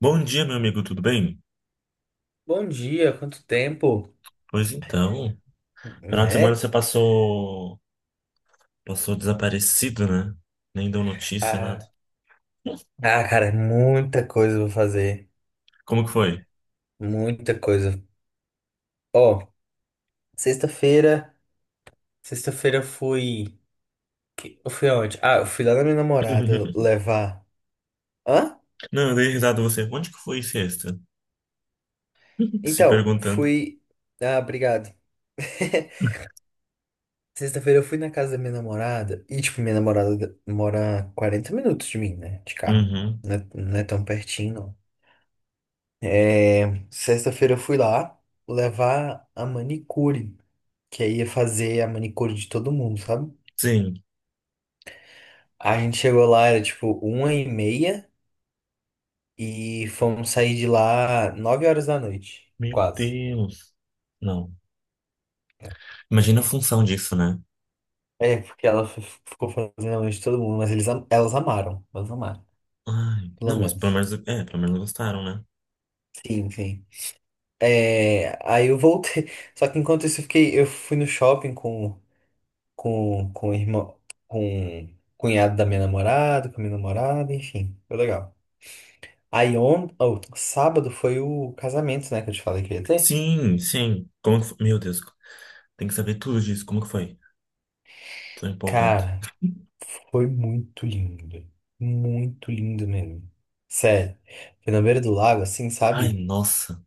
Bom dia, meu amigo, tudo bem? Bom dia, quanto tempo, Pois então, final de semana né? você passou desaparecido, né? Nem deu notícia, nada. Ah, ah, cara, muita coisa pra fazer, Como que foi? muita coisa. Ó, sexta-feira, sexta-feira eu fui, eu fui aonde? Ah, eu fui lá na minha namorada levar. Hã? Não, eu dei risada a você. Onde que foi sexta? Se Então, perguntando. fui. Ah, obrigado. Sexta-feira eu fui na casa da minha namorada e, tipo, minha namorada mora 40 minutos de mim, né? De carro. Uhum. Não é tão pertinho, não. É, sexta-feira eu fui lá levar a manicure. Que aí ia fazer a manicure de todo mundo, sabe? Sim. A gente chegou lá, era tipo uma e meia e fomos sair de lá 9 horas da noite, Meu quase. Deus. Não. Imagina a função disso, né? É, porque ela ficou fazendo a noite de todo mundo, mas elas amaram, Ai, pelo não, mas pelo menos. menos, é, pelo menos gostaram, né? Sim, sim. É, aí eu voltei, só que enquanto isso eu fui no shopping com, com, o irmão, com o cunhado da minha namorada, com a minha namorada, enfim, foi legal. Aí sábado foi o casamento, né, que eu te falei que eu ia ter. Sim, sim. Como que foi? Meu Deus, tem que saber tudo disso. Como que foi? Tô empolgado. Cara, foi muito lindo. Muito lindo mesmo. Sério. Foi na beira do lago, assim, Ai, sabe? nossa.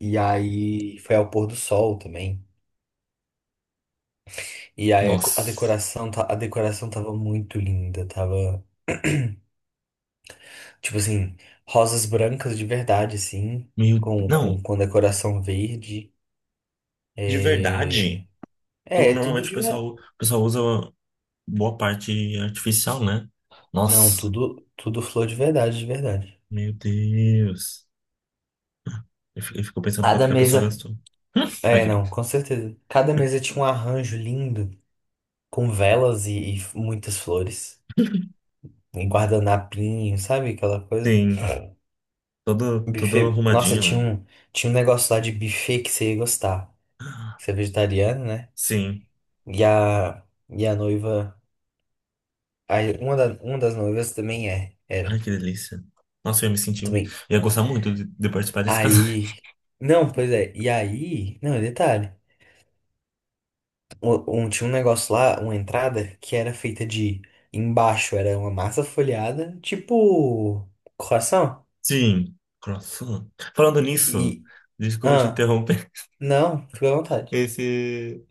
E aí foi ao pôr do sol também. E aí a Nossa. decoração, tava muito linda, tava tipo assim, rosas brancas de verdade, assim, Meu, com, com, não. com decoração verde. De É, verdade, é, tudo normalmente o de verdade. pessoal, o pessoal usa boa parte artificial, né? Não, Nossa, tudo flor de verdade, de verdade. meu Deus. Eu fico pensando quanto Cada que a pessoa mesa. gastou. É, Aquele. não, com certeza. Cada mesa tinha um arranjo lindo, com velas e muitas flores. Em guardanapinho, sabe? Aquela coisa. Sim, todo Buffet. Nossa, arrumadinho, tinha né? um, tinha um negócio lá de buffet que você ia gostar. Você é vegetariano, né? Sim. E a, e a noiva. Aí, uma das noivas também é. Ai, Era. que delícia. Nossa, eu ia me sentir. Também. Eu ia gostar muito de participar desse casamento. Aí. Não, pois é. E aí. Não, detalhe. Tinha um negócio lá, uma entrada, que era feita de. Embaixo era uma massa folhada, tipo. Coração? Sim, croissant. Falando nisso, E. desculpa te Ah, interromper. não, fica à vontade. Esse,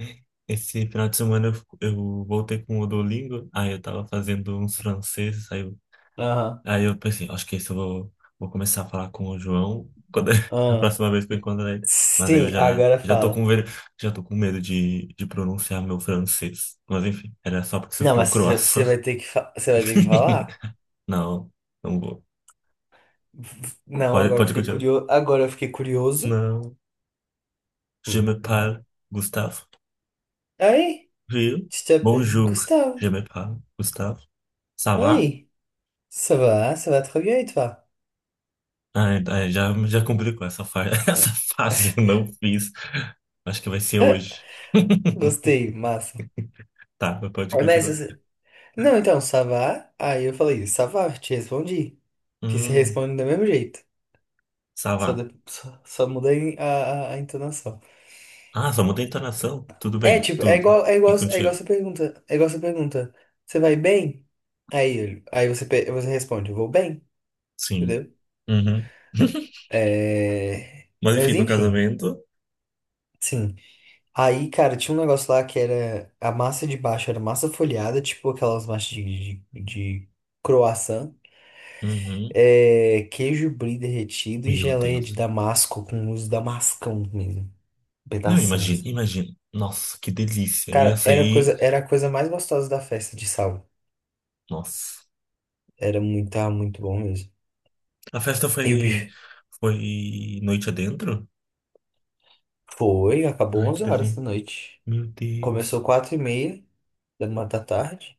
esse final de semana eu, eu voltei com o Duolingo, aí eu tava fazendo uns franceses, aí eu, Aham, aí eu pensei, acho que esse eu vou começar a falar com o João quando, a aham. próxima vez que eu encontrar ele. Mas aí eu Sim, já, agora já tô fala. com medo de pronunciar meu francês. Mas enfim, era só porque você Não, falou mas você croissant. vai ter que, você vai ter que falar? Não, não vou. Não, Pode, agora eu pode fiquei continuar. curioso. Agora eu fiquei curioso. Não, je me Hum. parle, Gustavo. Aí, Viu? je t'appelle Bonjour, Gustavo. je me parle, Gustavo. Ça va? Aí, ça va très bien et toi? Ah, já complicou essa, fa essa Ah, fase, eu não fiz. Acho que vai ser hoje. gostei, massa. Tá, mas pode Mas continuar. Não, então, Savá. Aí eu falei, Savá, te respondi. Que se Hum, responde do mesmo jeito. Só, Savá. da- só, só muda a entonação. Ah, só muda a entonação? Tudo É, bem, tipo, é tudo. igual, é E igual, é igual contigo? essa pergunta. É igual essa pergunta. Você vai bem? Aí, aí você, você responde, vou bem, Sim. entendeu? Uhum. Mas enfim, Mas no enfim, casamento. sim. Aí, cara, tinha um negócio lá que era a massa de baixo, era massa folhada, tipo aquelas massas de, de, croissant. Uhum. É, queijo brie derretido e Meu geleia de Deus. damasco com uso damascão mesmo, um Não, pedação, imagina, assim. imagina. Nossa, que delícia. Eu ia Cara, era a sair. coisa, era a coisa mais gostosa da festa de sal. Nossa. Tava muito bom mesmo. A festa E o foi. bife Foi noite adentro? Acabou Ai, que 11 horas delícia. da noite. Meu Começou Deus. 4 e meia da tarde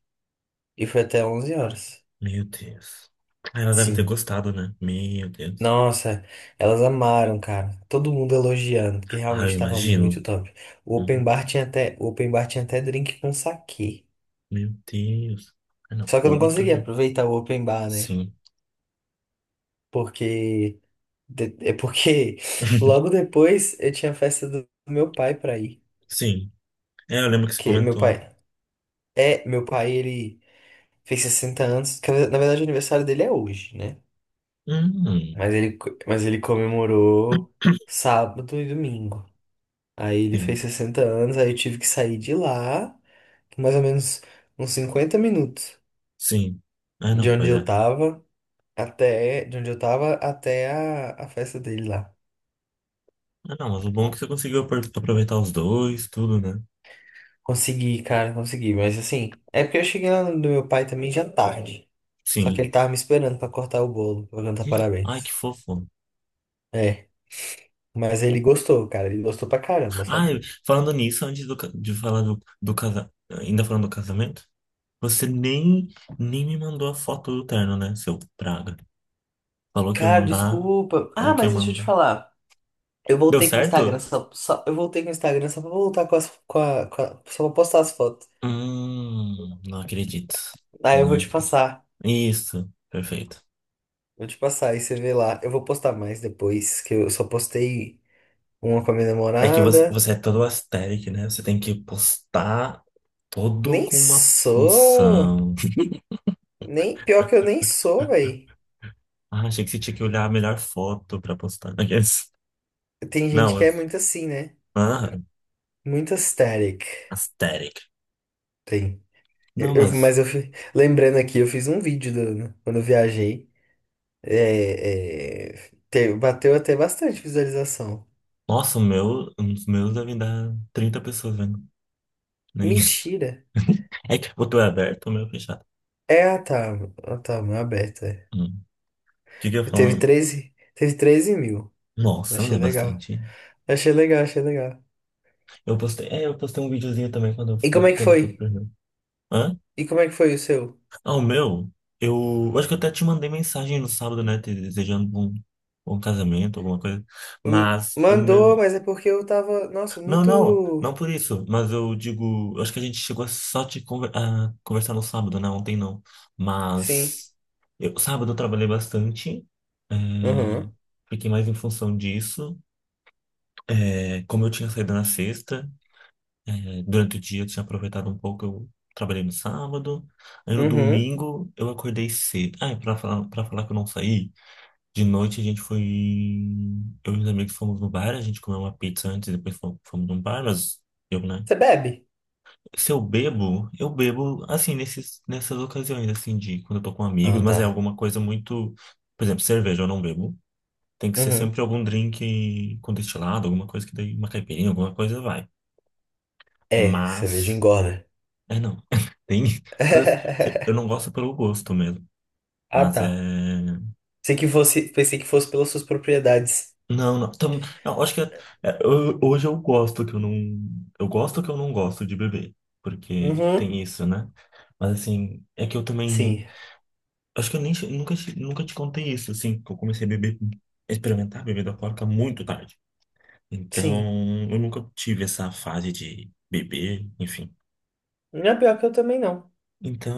e foi até 11 horas. Meu Deus. Ah, ela deve ter Sim. gostado, né? Meu Deus. Nossa, elas amaram, cara. Todo mundo elogiando, porque Ah, eu realmente tava muito imagino. top. O open Uhum. bar tinha até, o open bar tinha até drink com saquê. Meu Deus. Ah, não. Só que eu não Outro. consegui aproveitar o open bar, né? Sim. Porque. É porque logo depois eu tinha a festa do meu pai pra ir. Sim. É, eu lembro que você Que meu pai. comentou. É, meu pai, ele fez 60 anos. Que na verdade o aniversário dele é hoje, né? Hum. Mas ele comemorou sábado e domingo. Aí ele fez Sim. 60 anos, aí eu tive que sair de lá, mais ou menos uns 50 minutos Sim. Ah, de não, onde pois eu é. tava até, de onde eu tava até a festa dele lá. Ah, não, mas o bom é que você conseguiu aproveitar os dois, tudo, né? Consegui, cara, consegui. Mas assim, é porque eu cheguei lá no do meu pai também já tarde. Só que Sim. ele tava me esperando pra cortar o bolo, pra cantar Ai, que parabéns. fofo. É, mas ele gostou, cara. Ele gostou pra caramba, sabe? Ai, falando nisso, antes de falar do casamento, ainda falando do casamento, você nem me mandou a foto do terno, né, seu praga? Falou que ia Cara, mandar. desculpa. Ah, Falou que ia mas deixa eu te mandar. falar. Eu Deu voltei com o Instagram certo? só, pra voltar com as, com a- só pra postar as fotos. Não acredito. Aí eu vou Não te acredito. passar. Isso, perfeito. Vou te passar, aí você vê lá. Eu vou postar mais depois, que eu só postei uma com a minha É que você, namorada. você é todo asteric, né? Você tem que postar todo Nem com uma sou. função. Nem pior que eu nem sou, velho. Ah, achei que você tinha que olhar a melhor foto pra postar. Aqueles- Tem Não, gente que é mas. muito assim, né? Ah, Muito aesthetic. asteric. Tem. Não, mas. Mas lembrando aqui, eu fiz um vídeo quando eu viajei. É, bateu até bastante visualização. Nossa, o meu, os meus devem dar 30 pessoas vendo. Nem isso. Mentira. É que o teu é aberto, o meu é fechado. É, ah, tá. Ah, tá, mão aberta. É. Hum. O que que eu ia Eu teve falar? treze teve treze mil. Nossa, mas Achei é legal. bastante. Achei legal, achei legal. Eu postei um videozinho também quando eu E como fui, é que quando eu foi? fui pro Rio. Hã? E como é que foi o seu? Ah, o meu? Eu acho que eu até te mandei mensagem no sábado, né? Te desejando um casamento, alguma coisa. Mas o Mandou, meu. mas é porque eu tava, nossa, Não, muito. não, não por isso. Mas eu digo. Eu acho que a gente chegou a conversar no sábado, né? Ontem não. Sim. Mas. Sábado eu trabalhei bastante. é, Uhum. fiquei mais em função disso. É, como eu tinha saído na sexta. É, durante o dia eu tinha aproveitado um pouco, eu trabalhei no sábado. Aí no Uhum. domingo eu acordei cedo. Ah, e pra falar que eu não saí, de noite a gente foi. Eu e os amigos fomos no bar, a gente comeu uma pizza antes, depois fomos num bar, mas eu, né? Você bebe? Se eu bebo, eu bebo assim, nesses, nessas ocasiões, assim, de quando eu tô com Ah, amigos, mas tá. é alguma coisa muito. Por exemplo, cerveja eu não bebo. Tem que ser Uhum. sempre algum drink com destilado, alguma coisa que daí, uma caipirinha, alguma coisa vai. É, cerveja Mas. engorda. É, não. Tem. mas, assim, eu não gosto pelo gosto mesmo. Ah, Mas é. tá. Pensei que fosse pelas suas propriedades. Não, não. Tam... Não, acho que hoje eu gosto que eu não. Eu gosto que eu não gosto de beber. Porque Uhum. tem isso, né? Mas assim, é que eu também. Sim, Acho que eu nem, nunca, nunca te contei isso, assim, que eu comecei a beber, a experimentar bebida alcoólica muito tarde. sim. Então, eu nunca tive essa fase de beber, enfim. Não é pior que eu também não.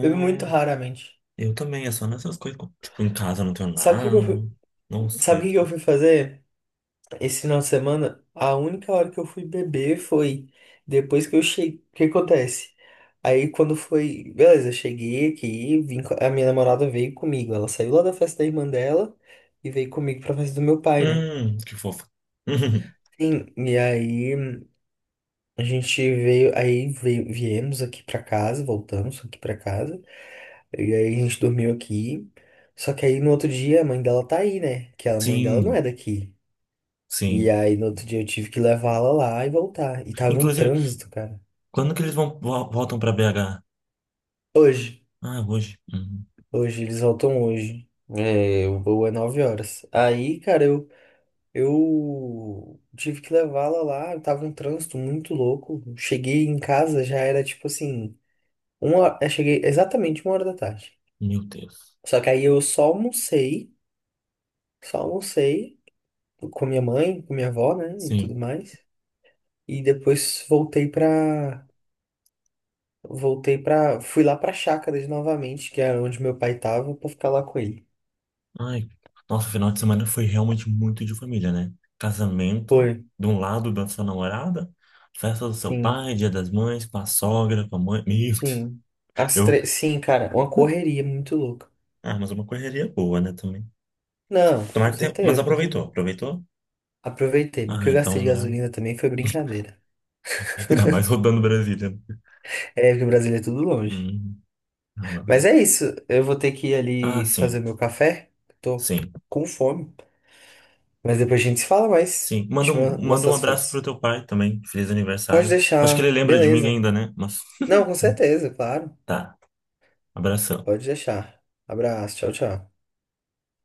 Bebo muito é. raramente. Eu também, é só nessas coisas. Tipo, em casa eu não tenho Sabe o que nada. que eu fui, Não sabe o saio. que que eu fui fazer esse final de semana? A única hora que eu fui beber foi depois que eu cheguei. O que acontece? Aí quando foi, beleza, eu cheguei aqui, a minha namorada veio comigo. Ela saiu lá da festa da irmã dela e veio comigo pra festa do meu pai, né? Que fofo. Sim, e aí a gente veio, aí veio, viemos aqui pra casa, voltamos aqui pra casa, e aí a gente dormiu aqui. Só que aí no outro dia a mãe dela tá aí, né? Que a mãe dela não é Sim, daqui. E sim. aí no outro dia eu tive que levá-la lá e voltar. E tava um Inclusive, trânsito, cara. quando que eles voltam pra BH? Hoje, Ah, hoje. Hoje, eles voltam hoje. É, o voo é 9 horas. Aí, cara, eu tive que levá-la lá, tava um trânsito muito louco. Cheguei em casa, já era tipo assim, eu cheguei exatamente uma hora da tarde. Meu Deus. Só que aí eu só almocei com minha mãe, com minha avó, né, e tudo Sim. mais. E depois fui lá pra Chácaras novamente, que era onde meu pai tava, pra ficar lá com ele. Ai, nossa, o final de semana foi realmente muito de família, né? Casamento, Foi, de um lado da sua namorada, festa do seu sim, pai, dia das mães, com a sogra, com a mãe. Meu Deus. sim. As Eu. três, sim, cara, uma correria muito louca. Ah, mas é uma correria boa, né, também. Não, Tomara com que tenha. Mas certeza, com aproveitou, certeza. aproveitou? Aproveitei, mas o que Ah, eu gastei então de melhor. gasolina também foi brincadeira. Ainda mais rodando Brasília. É, porque o Brasil é tudo longe. Hum, não, não, é. Mas é isso, eu vou ter que ir Ah, ali fazer sim, meu café, tô sim, com fome. Mas depois a gente se fala mais. sim. Manda Te um, manda mostro um as abraço pro fotos. teu pai também. Feliz Pode aniversário. Acho que ele deixar, lembra de mim beleza. ainda, né? Mas Não, com certeza, claro. tá, abração. Pode deixar. Abraço, tchau, tchau.